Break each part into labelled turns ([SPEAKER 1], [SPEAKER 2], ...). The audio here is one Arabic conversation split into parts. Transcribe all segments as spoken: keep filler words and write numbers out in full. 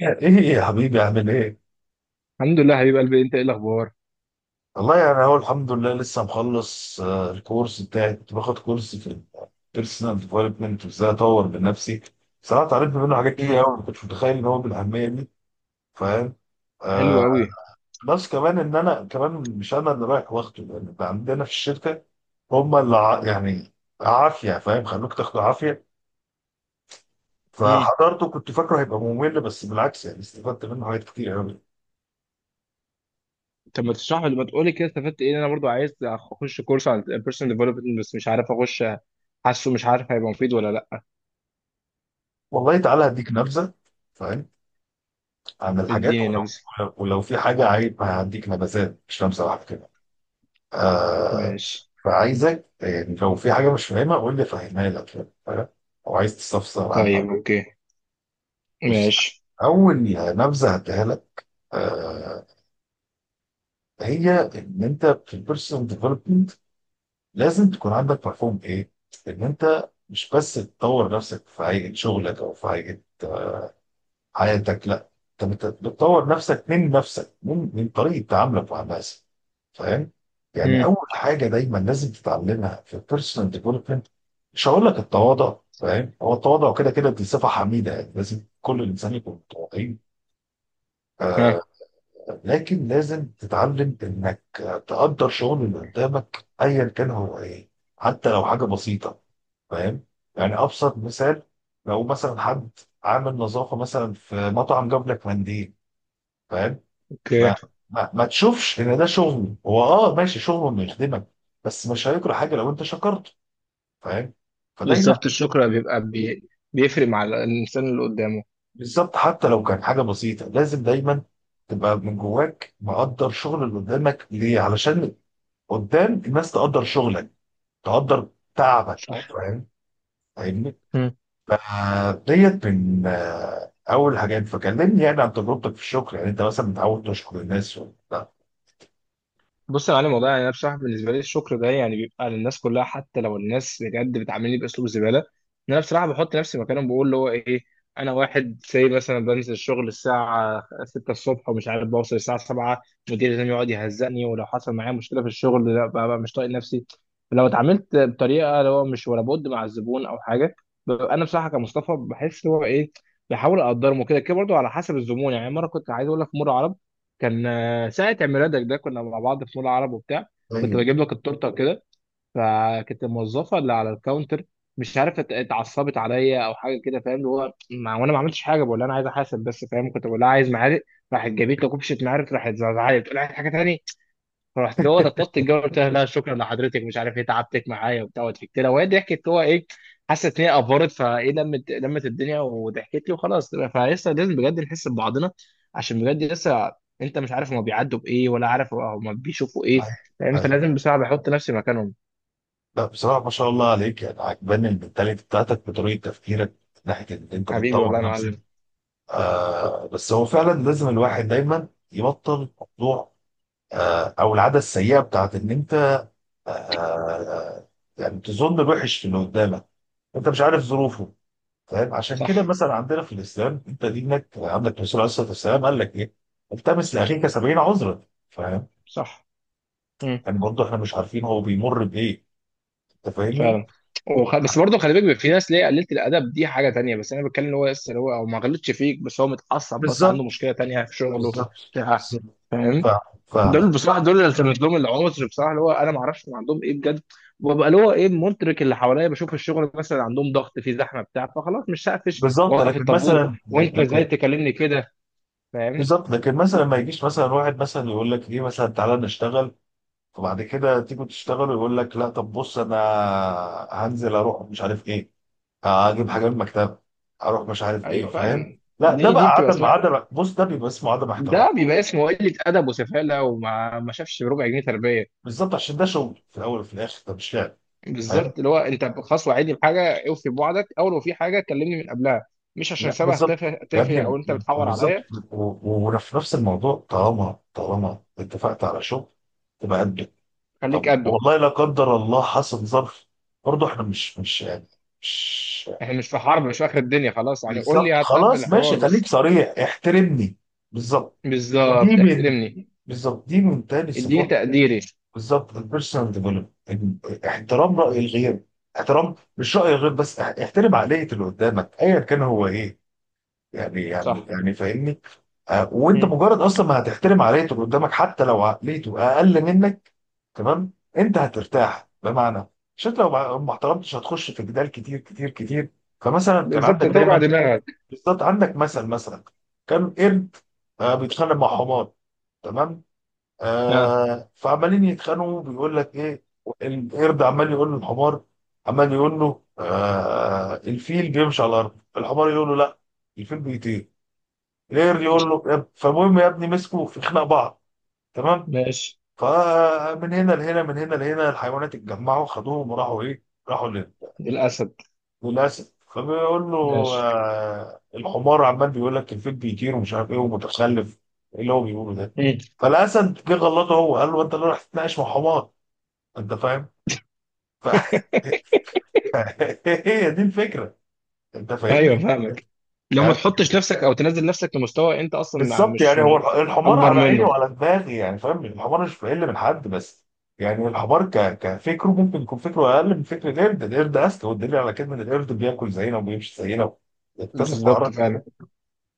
[SPEAKER 1] يعني ايه يا حبيبي عامل ايه؟
[SPEAKER 2] الحمد لله حبيب قلبي، انت ايه الاخبار؟
[SPEAKER 1] والله يعني اهو الحمد لله لسه مخلص آه، الكورس بتاعي كنت باخد كورس في البيرسونال ديفلوبمنت وازاي اطور من نفسي. صراحه اتعلمت منه حاجات كتير
[SPEAKER 2] امم.
[SPEAKER 1] قوي، ما كنتش متخيل ان هو بالاهميه دي. فاهم؟
[SPEAKER 2] حلو
[SPEAKER 1] آه.
[SPEAKER 2] قوي.
[SPEAKER 1] بلس كمان ان انا كمان مش انا اللي رايح واخده، لان اللي عندنا في الشركه هم اللي ع- يعني عافيه، فاهم؟ خلوك تاخده عافيه.
[SPEAKER 2] امم.
[SPEAKER 1] فحضرته كنت فاكره هيبقى ممل، بس بالعكس يعني استفدت منه حاجات كتير قوي.
[SPEAKER 2] طب ما تشرح لي ما تقول لي كده استفدت ايه؟ انا برضو عايز اخش كورس عن البيرسونال ديفلوبمنت بس مش عارف اخش. حاسه مش عارف هيبقى مفيد ولا لا.
[SPEAKER 1] والله تعالى هديك نبذه. فاهم؟ عن الحاجات.
[SPEAKER 2] اديني نبذه.
[SPEAKER 1] ولو ولو في حاجة عايز هديك نبذات، مش لمسة واحدة كده. آه.
[SPEAKER 2] ماشي.
[SPEAKER 1] فعايزك، آه، لو في حاجة مش فاهمها قول لي فاهمها لك. فاهم؟ أو عايز تستفسر عنها.
[SPEAKER 2] طيب اوكي.
[SPEAKER 1] بص.
[SPEAKER 2] ماشي.
[SPEAKER 1] أول نبذة هديها لك، آه هي إن أنت في البيرسونال ديفلوبمنت لازم تكون عندك مفهوم إيه؟ إن أنت مش بس تطور نفسك في هيئة شغلك أو في هيئة حياتك، لا، انت بت- بتطور نفسك من نفسك، من من طريقه تعاملك مع الناس. فاهم؟ يعني
[SPEAKER 2] امم.
[SPEAKER 1] اول حاجه دايما لازم تتعلمها في البيرسونال ديفلوبمنت، مش هقول لك التواضع، فاهم؟ هو التواضع كده كده دي صفه حميده، يعني لازم كل انسان يكون متواضعين. آه.
[SPEAKER 2] ها.
[SPEAKER 1] لكن لازم تتعلم انك تقدر شغل اللي قدامك ايا كان هو ايه، حتى لو حاجه بسيطه. فاهم؟ يعني ابسط مثال، لو مثلا حد عامل نظافه مثلا في مطعم جاب لك منديل، فاهم؟
[SPEAKER 2] اوكي.
[SPEAKER 1] ما ما, ما تشوفش ان ده شغل، هو اه ماشي شغله انه يخدمك، بس مش هيكره حاجه لو انت شكرته، فاهم؟ فدايما
[SPEAKER 2] بالظبط الشكر بيبقى بي... بيفرق مع الانسان اللي قدامه.
[SPEAKER 1] بالظبط حتى لو كان حاجه بسيطه، لازم دايما تبقى من جواك مقدر شغل اللي قدامك، ليه؟ علشان قدام الناس تقدر شغلك، تقدر تعبك،
[SPEAKER 2] صح.
[SPEAKER 1] فاهم؟ فاهمني؟ فديت من آه، اول حاجات. فكلمني يعني عن تجربتك في الشغل، يعني انت مثلا متعود تشكر الناس ولا لا؟
[SPEAKER 2] بص يا معلم، والله يعني انا بصراحه بالنسبه لي الشكر ده يعني بيبقى للناس كلها، حتى لو الناس بجد بتعاملني باسلوب زباله. ان انا بصراحه بحط نفسي مكانهم، بقول اللي هو ايه، انا واحد زي مثلا بنزل الشغل الساعه ستة الصبح ومش عارف بوصل الساعه سبعة، مديري لازم يقعد يهزقني؟ ولو حصل معايا مشكله في الشغل لا، ببقى مش طايق نفسي. لو اتعاملت بطريقه اللي هو مش ولا بد مع الزبون او حاجه، ببقى انا بصراحه كمصطفى بحس اللي هو ايه، بحاول اقدرهم وكده كده برضه على حسب الزبون. يعني مره كنت عايز اقول لك، مره عرب كان آه، ساعة عيد ميلادك ده كنا مع بعض في مول عرب وبتاع، كنت
[SPEAKER 1] ايوه.
[SPEAKER 2] بجيب لك التورتة وكده. فكانت الموظفة اللي على الكاونتر مش عارف ات- اتعصبت عليا او حاجة كده. فاهم؟ اللي هو ما وانا ما عملتش حاجة، بقول لها انا عايز احاسب بس، فاهم؟ كنت بقول لها عايز معالق، راحت جابت لي كوبشة معالق، راحت زعزعت تقول لها عايز حاجة تانية. فرحت له انا طلبت الجو، قلت لها لا شكرا لحضرتك، مش عارف ايه تعبتك معايا وبتاع. وضحكت لها وهي ضحكت، هو ايه حست ان هي افورت فايه، لمت لمت الدنيا وضحكت لي وخلاص. فلسه لازم بجد نحس ببعضنا، عشان بجد لسه انت مش عارف هما بيعدوا بايه ولا عارف هما بيشوفوا ايه. فانت لازم بسرعه بحط نفسي مكانهم.
[SPEAKER 1] لا، بصراحة ما شاء الله عليك، يعني عجباني المنتاليتي بتاعتك بطريقة تفكيرك من ناحية إن أنت
[SPEAKER 2] حبيبي
[SPEAKER 1] بتطور
[SPEAKER 2] والله يا
[SPEAKER 1] نفسك.
[SPEAKER 2] معلم.
[SPEAKER 1] آه، بس هو فعلا لازم الواحد دايما يبطل موضوع، آه، أو العادة السيئة بتاعت إن أنت، آه آه، يعني تظن الوحش في اللي قدامك، أنت مش عارف ظروفه. فاهم؟ عشان
[SPEAKER 2] صح.
[SPEAKER 1] كده مثلا عندنا في الإسلام، أنت دينك عندك الرسول عليه الصلاة والسلام قال لك إيه؟ التمس لأخيك سبعين عذرا. فاهم؟
[SPEAKER 2] صح
[SPEAKER 1] يعني برضه إحنا مش عارفين هو بيمر بإيه. أنت فاهمني؟
[SPEAKER 2] فعلا. وخ... بس برضه خلي بالك بيبقى في ناس ليه قليلة الأدب، دي حاجة تانية. بس أنا بتكلم إن هو لسه اللي هو أو ما غلطش فيك بس هو متعصب، بس عنده
[SPEAKER 1] بالظبط،
[SPEAKER 2] مشكلة تانية في شغله
[SPEAKER 1] بالظبط.
[SPEAKER 2] بتاع فاهم؟
[SPEAKER 1] ف... ف...
[SPEAKER 2] دول بصراحة، دول اللي التمس لهم العذر بصراحة، اللي هو أنا ما أعرفش هم عندهم إيه بجد. وببقى اللي هو إيه مدرك اللي حواليا، بشوف الشغل مثلا عندهم ضغط في زحمة بتاع فخلاص مش هقفش
[SPEAKER 1] بالظبط
[SPEAKER 2] وأوقف
[SPEAKER 1] لكن مثلا
[SPEAKER 2] الطابور وأنت
[SPEAKER 1] لكن-
[SPEAKER 2] إزاي تكلمني كده؟ فاهم؟
[SPEAKER 1] بالظبط لكن مثلا ما يجيش مثلا واحد مثلا يقول لك ايه، مثلا تعالى نشتغل، فبعد كده تيجي تشتغل ويقول لك لا، طب بص، انا هنزل اروح مش عارف ايه، هجيب حاجه من المكتبه، اروح مش عارف ايه،
[SPEAKER 2] أيوه
[SPEAKER 1] فاهم؟
[SPEAKER 2] فعلا.
[SPEAKER 1] لا، ده
[SPEAKER 2] دي
[SPEAKER 1] بقى
[SPEAKER 2] دي بتبقى
[SPEAKER 1] عدم
[SPEAKER 2] اسمها.
[SPEAKER 1] عدم بص، ده بيبقى اسمه عدم احترام.
[SPEAKER 2] ده بيبقى اسمه قلة أدب وسفالة وما ما شافش بربع جنيه تربية.
[SPEAKER 1] بالظبط، عشان ده شغل في الاول وفي الاخر، ده مش لعب. فاهم؟
[SPEAKER 2] بالظبط، اللي هو انت خلاص وعدني بحاجه، اوفي بوعدك او لو في حاجه كلمني من قبلها. مش عشان
[SPEAKER 1] لا
[SPEAKER 2] سبه
[SPEAKER 1] بالظبط.
[SPEAKER 2] تافه
[SPEAKER 1] يا
[SPEAKER 2] تافه،
[SPEAKER 1] ابني،
[SPEAKER 2] او انت بتحور
[SPEAKER 1] بالظبط.
[SPEAKER 2] عليا.
[SPEAKER 1] و- و- وفي نفس الموضوع، طالما طالما اتفقت على شغل تبقى قد.
[SPEAKER 2] خليك
[SPEAKER 1] طب
[SPEAKER 2] قده.
[SPEAKER 1] والله، لا قدر الله حصل ظرف، برضه احنا مش مش يعني مش
[SPEAKER 2] احنا مش في حرب، مش في اخر الدنيا، خلاص يعني قول لي،
[SPEAKER 1] بالظبط،
[SPEAKER 2] هتقبل
[SPEAKER 1] خلاص
[SPEAKER 2] الحوار
[SPEAKER 1] ماشي، خليك
[SPEAKER 2] بس.
[SPEAKER 1] صريح، احترمني. بالظبط، دي
[SPEAKER 2] بالظبط
[SPEAKER 1] من.
[SPEAKER 2] احترمني.
[SPEAKER 1] بالظبط، دي من تاني
[SPEAKER 2] اديني
[SPEAKER 1] صفات.
[SPEAKER 2] تقديري.
[SPEAKER 1] بالظبط، البيرسونال ديفلوبمنت: احترام رأي الغير. احترام مش رأي الغير بس، اح- احترم عقلية اللي قدامك ايا كان هو ايه. يعني يعني
[SPEAKER 2] صح.
[SPEAKER 1] يعني فاهمني؟ آه، وانت
[SPEAKER 2] مم.
[SPEAKER 1] مجرد اصلا ما هتحترم عقليه اللي قدامك حتى لو عقليته اقل منك، تمام، انت هترتاح. بمعنى، عشان لو ما ما احترمتش هتخش في جدال كتير كتير كتير. فمثلا كان
[SPEAKER 2] بالظبط،
[SPEAKER 1] عندك
[SPEAKER 2] توجع
[SPEAKER 1] دايما
[SPEAKER 2] دماغك.
[SPEAKER 1] بالظبط، عندك مثل، مثلا كان قرد آه، بيتخانق مع حمار، تمام؟
[SPEAKER 2] اه
[SPEAKER 1] آه فعمالين يتخانقوا، بيقول لك ايه؟ القرد عمال يقول للحمار، عمال يقول له آه الفيل بيمشي على الارض، الحمار يقول له لا، الفيل بيطير. غير يقول له يا اب- فالمهم يا ابني، مسكوا في خناق بعض، تمام.
[SPEAKER 2] ماشي.
[SPEAKER 1] فمن هنا لهنا، من هنا لهنا، الحيوانات اتجمعوا خدوهم وراحوا ايه؟ راحوا لل-
[SPEAKER 2] الاسد.
[SPEAKER 1] للاسد. فبيقول له
[SPEAKER 2] ماشي.
[SPEAKER 1] آه الحمار عمال بيقول لك الفيل بيطير ومش عارف ايه ومتخلف، ايه اللي هو بيقوله ده؟
[SPEAKER 2] مم.
[SPEAKER 1] فالاسد جه غلطه، هو قال له: انت اللي راح تتناقش مع حمار؟ انت فاهم؟ ف... هي دي الفكره، انت فاهمني؟
[SPEAKER 2] ايوه فاهمك. لو ما
[SPEAKER 1] يعني
[SPEAKER 2] تحطش نفسك او تنزل نفسك لمستوى انت اصلا مع-
[SPEAKER 1] بالظبط،
[SPEAKER 2] مش
[SPEAKER 1] يعني هو الح-
[SPEAKER 2] مش
[SPEAKER 1] الحمار
[SPEAKER 2] اكبر
[SPEAKER 1] على عيني
[SPEAKER 2] منه.
[SPEAKER 1] وعلى دماغي، يعني فاهم، الحمار مش بيقل من حد، بس يعني الحمار ك... كفكره ممكن يكون فكره اقل من فكر القرد. القرد اذكى، والدليل على كده ان القرد بياكل زينا وبيمشي زينا ويكتسب
[SPEAKER 2] بالظبط
[SPEAKER 1] مهارات.
[SPEAKER 2] فعلا.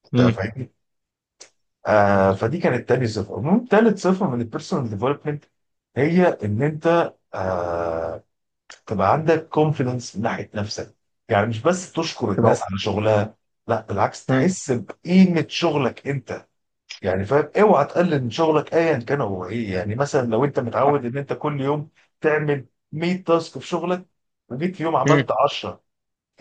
[SPEAKER 1] انت
[SPEAKER 2] مم.
[SPEAKER 1] فاهمني؟ آه، فدي كانت تاني صفه. المهم تالت صفه من البيرسونال ديفلوبمنت، هي ان انت آه تبقى عندك كونفيدنس من ناحيه نفسك. يعني مش بس تشكر الناس
[SPEAKER 2] تبقى.
[SPEAKER 1] على شغلها، لا بالعكس،
[SPEAKER 2] مم.
[SPEAKER 1] تحس بقيمه شغلك انت. يعني فاهم؟ اوعى تقلل من شغلك ايا كان هو ايه. يعني مثلا لو انت متعود
[SPEAKER 2] صح.
[SPEAKER 1] ان انت كل يوم تعمل مئة تاسك في شغلك، وجيت في يوم
[SPEAKER 2] مم.
[SPEAKER 1] عملت عشرة،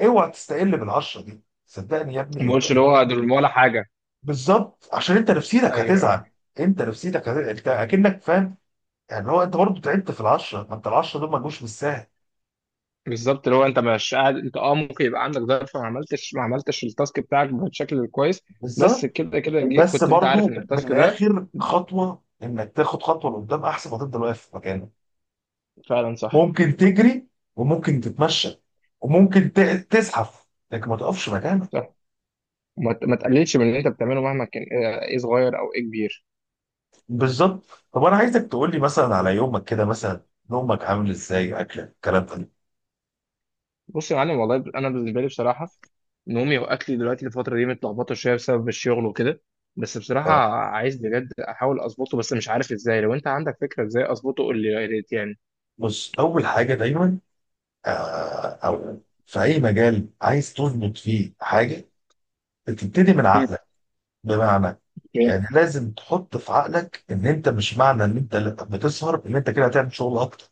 [SPEAKER 1] اوعى تستقل بال عشرة دي، صدقني يا ابني
[SPEAKER 2] ما
[SPEAKER 1] انت.
[SPEAKER 2] بقولش اللي هو دول ولا حاجه.
[SPEAKER 1] بالظبط، عشان انت نفسيتك
[SPEAKER 2] ايوه أيوة.
[SPEAKER 1] هتزعل، انت نفسيتك هت... انت اكنك فاهم؟ يعني هو انت برضه تعبت في ال عشرة، ما انت ال عشرة دول ما جوش بالسهل.
[SPEAKER 2] بالظبط، اللي هو انت مش قاعد انت اه، ممكن يبقى عندك ظرف ما عملتش ما عملتش التاسك بتاعك بشكل كويس. بس
[SPEAKER 1] بالظبط،
[SPEAKER 2] كده كده جي-
[SPEAKER 1] بس
[SPEAKER 2] كنت انت عارف
[SPEAKER 1] برضه
[SPEAKER 2] ان التاسك ده.
[SPEAKER 1] بالاخر خطوه، انك تاخد خطوه لقدام احسن ما تفضل واقف في مكانك.
[SPEAKER 2] فعلا صح.
[SPEAKER 1] ممكن تجري، وممكن تتمشى، وممكن ت- تزحف، لكن ما تقفش مكانك.
[SPEAKER 2] صح، وما ت- ما تقللش من اللي انت بتعمله مهما كان ايه، إيه صغير او ايه كبير.
[SPEAKER 1] بالظبط. طب انا عايزك تقول لي مثلا على يومك كده، مثلا نومك عامل ازاي، اكلك، الكلام ده.
[SPEAKER 2] بص يا معلم، والله انا بالنسبه لي بصراحه نومي واكلي دلوقتي الفتره دي متلخبطه شويه بسبب الشغل وكده. بس بصراحه
[SPEAKER 1] آه،
[SPEAKER 2] عايز بجد احاول اظبطه، بس مش عارف ازاي. لو انت عندك فكره ازاي اظبطه قول لي يا ريت يعني.
[SPEAKER 1] بص اول حاجه دايما، آه، او في اي مجال عايز تظبط فيه حاجه، بتبتدي من
[SPEAKER 2] مم.
[SPEAKER 1] عقلك. بمعنى، يعني لازم تحط في عقلك ان انت مش معنى ان انت بتسهر ان انت كده هتعمل شغل اكتر،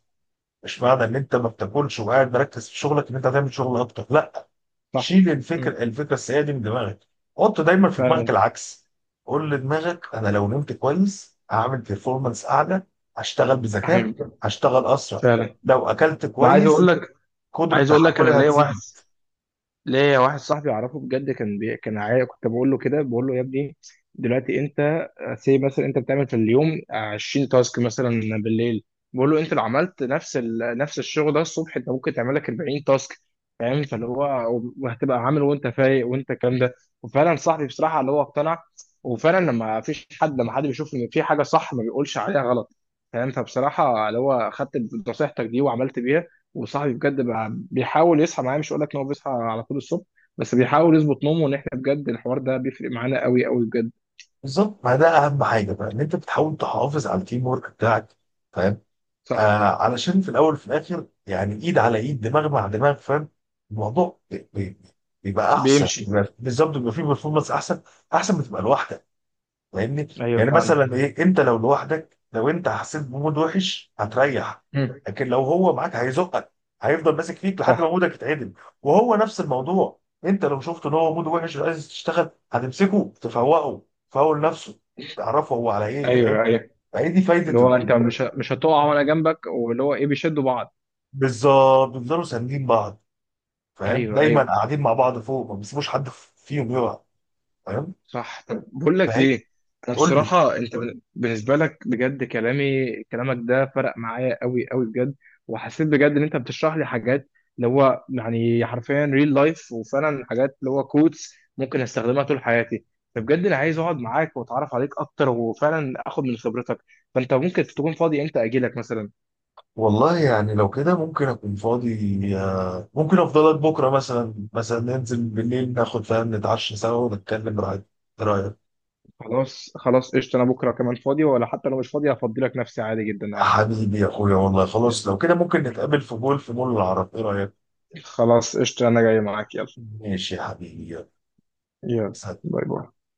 [SPEAKER 1] مش معنى ان انت ما بتاكلش وقاعد مركز في شغلك ان انت هتعمل شغل اكتر، لا.
[SPEAKER 2] صح.
[SPEAKER 1] شيل
[SPEAKER 2] مم.
[SPEAKER 1] الفكره الفكره السيئه دي من دماغك. حط دايما في
[SPEAKER 2] فعلا.
[SPEAKER 1] دماغك العكس. قول لدماغك: انا لو نمت كويس هعمل بيرفورمانس اعلى، هشتغل
[SPEAKER 2] احنا.
[SPEAKER 1] بذكاء، هشتغل اسرع،
[SPEAKER 2] فعلا
[SPEAKER 1] لو اكلت
[SPEAKER 2] انا عايز اقول
[SPEAKER 1] كويس
[SPEAKER 2] لك.
[SPEAKER 1] قدره
[SPEAKER 2] عايز اقول لك، انا
[SPEAKER 1] تحملي
[SPEAKER 2] ليا واحد،
[SPEAKER 1] هتزيد.
[SPEAKER 2] ليا واحد صاحبي اعرفه بجد كان بي... كان عايق. كنت بقول له كده، بقول له يا ابني دلوقتي انت سي مثلا انت بتعمل في اليوم عشرين تاسك مثلا بالليل. بقول له انت لو عملت نفس ال... نفس الشغل ده الصبح انت ممكن تعمل لك اربعين تاسك. فاهم؟ فاللي هو وهتبقى عامل وانت فايق وانت الكلام ده. وفعلا صاحبي بصراحه اللي هو اقتنع. وفعلا لما فيش حد لما حد بيشوف ان في حاجه صح ما بيقولش عليها غلط. فاهم؟ فبصراحه اللي هو خدت نصيحتك دي وعملت بيها. وصاحبي بجد بيحاول يصحى معايا، مش هقول لك ان هو بيصحى على طول الصبح بس بيحاول يظبط نومه. ان احنا بجد الحوار ده بيفرق معانا قوي قوي بجد.
[SPEAKER 1] بالظبط، ما ده اهم حاجه بقى، ان انت بتحاول تحافظ على التيم ورك بتاعك، فاهم؟ آه،
[SPEAKER 2] صح.
[SPEAKER 1] علشان في الاول وفي الاخر، يعني ايد على ايد، دماغ مع دماغ، فاهم؟ الموضوع بي- بي- بيبقى احسن،
[SPEAKER 2] بيمشي.
[SPEAKER 1] بيبقى- بالظبط، بيبقى فيه بيرفورمانس احسن، احسن ما تبقى لوحدك، فاهمني؟
[SPEAKER 2] ايوه
[SPEAKER 1] يعني
[SPEAKER 2] فعلا.
[SPEAKER 1] مثلا ايه، انت لو لوحدك لو انت حسيت بمود وحش هتريح،
[SPEAKER 2] مم.
[SPEAKER 1] لكن لو هو معاك هيزقك، هيفضل ماسك فيك لحد ما
[SPEAKER 2] صح.
[SPEAKER 1] مودك يتعدل. وهو نفس الموضوع، انت لو شفت ان هو مود وحش وعايز تشتغل هتمسكه، تفوقه، تفول نفسه، تعرفه هو على ايه، فاهم؟
[SPEAKER 2] ايوه ايوه.
[SPEAKER 1] فهي دي
[SPEAKER 2] اللي
[SPEAKER 1] فايده ال-
[SPEAKER 2] هو انت مش مش هتقع وانا جنبك، واللي هو ايه بيشدوا بعض.
[SPEAKER 1] بالظبط، بيفضلوا ساندين بعض، فاهم؟
[SPEAKER 2] ايوه
[SPEAKER 1] دايما
[SPEAKER 2] ايوه.
[SPEAKER 1] قاعدين مع بعض، فوق ما بيسيبوش حد فيهم يقع، فاهم؟
[SPEAKER 2] صح، طب بقول لك
[SPEAKER 1] فهي
[SPEAKER 2] ايه. انا
[SPEAKER 1] قول لي.
[SPEAKER 2] بصراحه انت بال- بالنسبه لك بجد كلامي كلامك ده فرق معايا قوي قوي بجد. وحسيت بجد ان انت بتشرح لي حاجات اللي هو يعني حرفيا ريل لايف، وفعلا حاجات اللي هو كوتس ممكن استخدمها طول حياتي. فبجد انا عايز اقعد معاك واتعرف عليك اكتر وفعلا اخد من خبرتك. فانت ممكن تكون فاضي امتى اجي لك مثلا؟
[SPEAKER 1] والله يعني لو كده ممكن اكون فاضي، آه، ممكن افضلك بكره مثلا مثلا ننزل بالليل ناخد، فاهم، نتعشى سوا ونتكلم، رايك ايه؟ رايك؟
[SPEAKER 2] خلاص خلاص قشطه، انا بكره كمان فاضي، ولا حتى لو مش فاضي هفضي لك نفسي عادي جدا عادي.
[SPEAKER 1] حبيبي يا اخويا، والله خلاص لو كده ممكن نتقابل في مول في مول العرب، ايه رايك؟
[SPEAKER 2] خلاص قشطه انا جاي معاك، يلا.
[SPEAKER 1] ماشي يا حبيبي، يلا.
[SPEAKER 2] يلا.
[SPEAKER 1] سلام.
[SPEAKER 2] باي باي.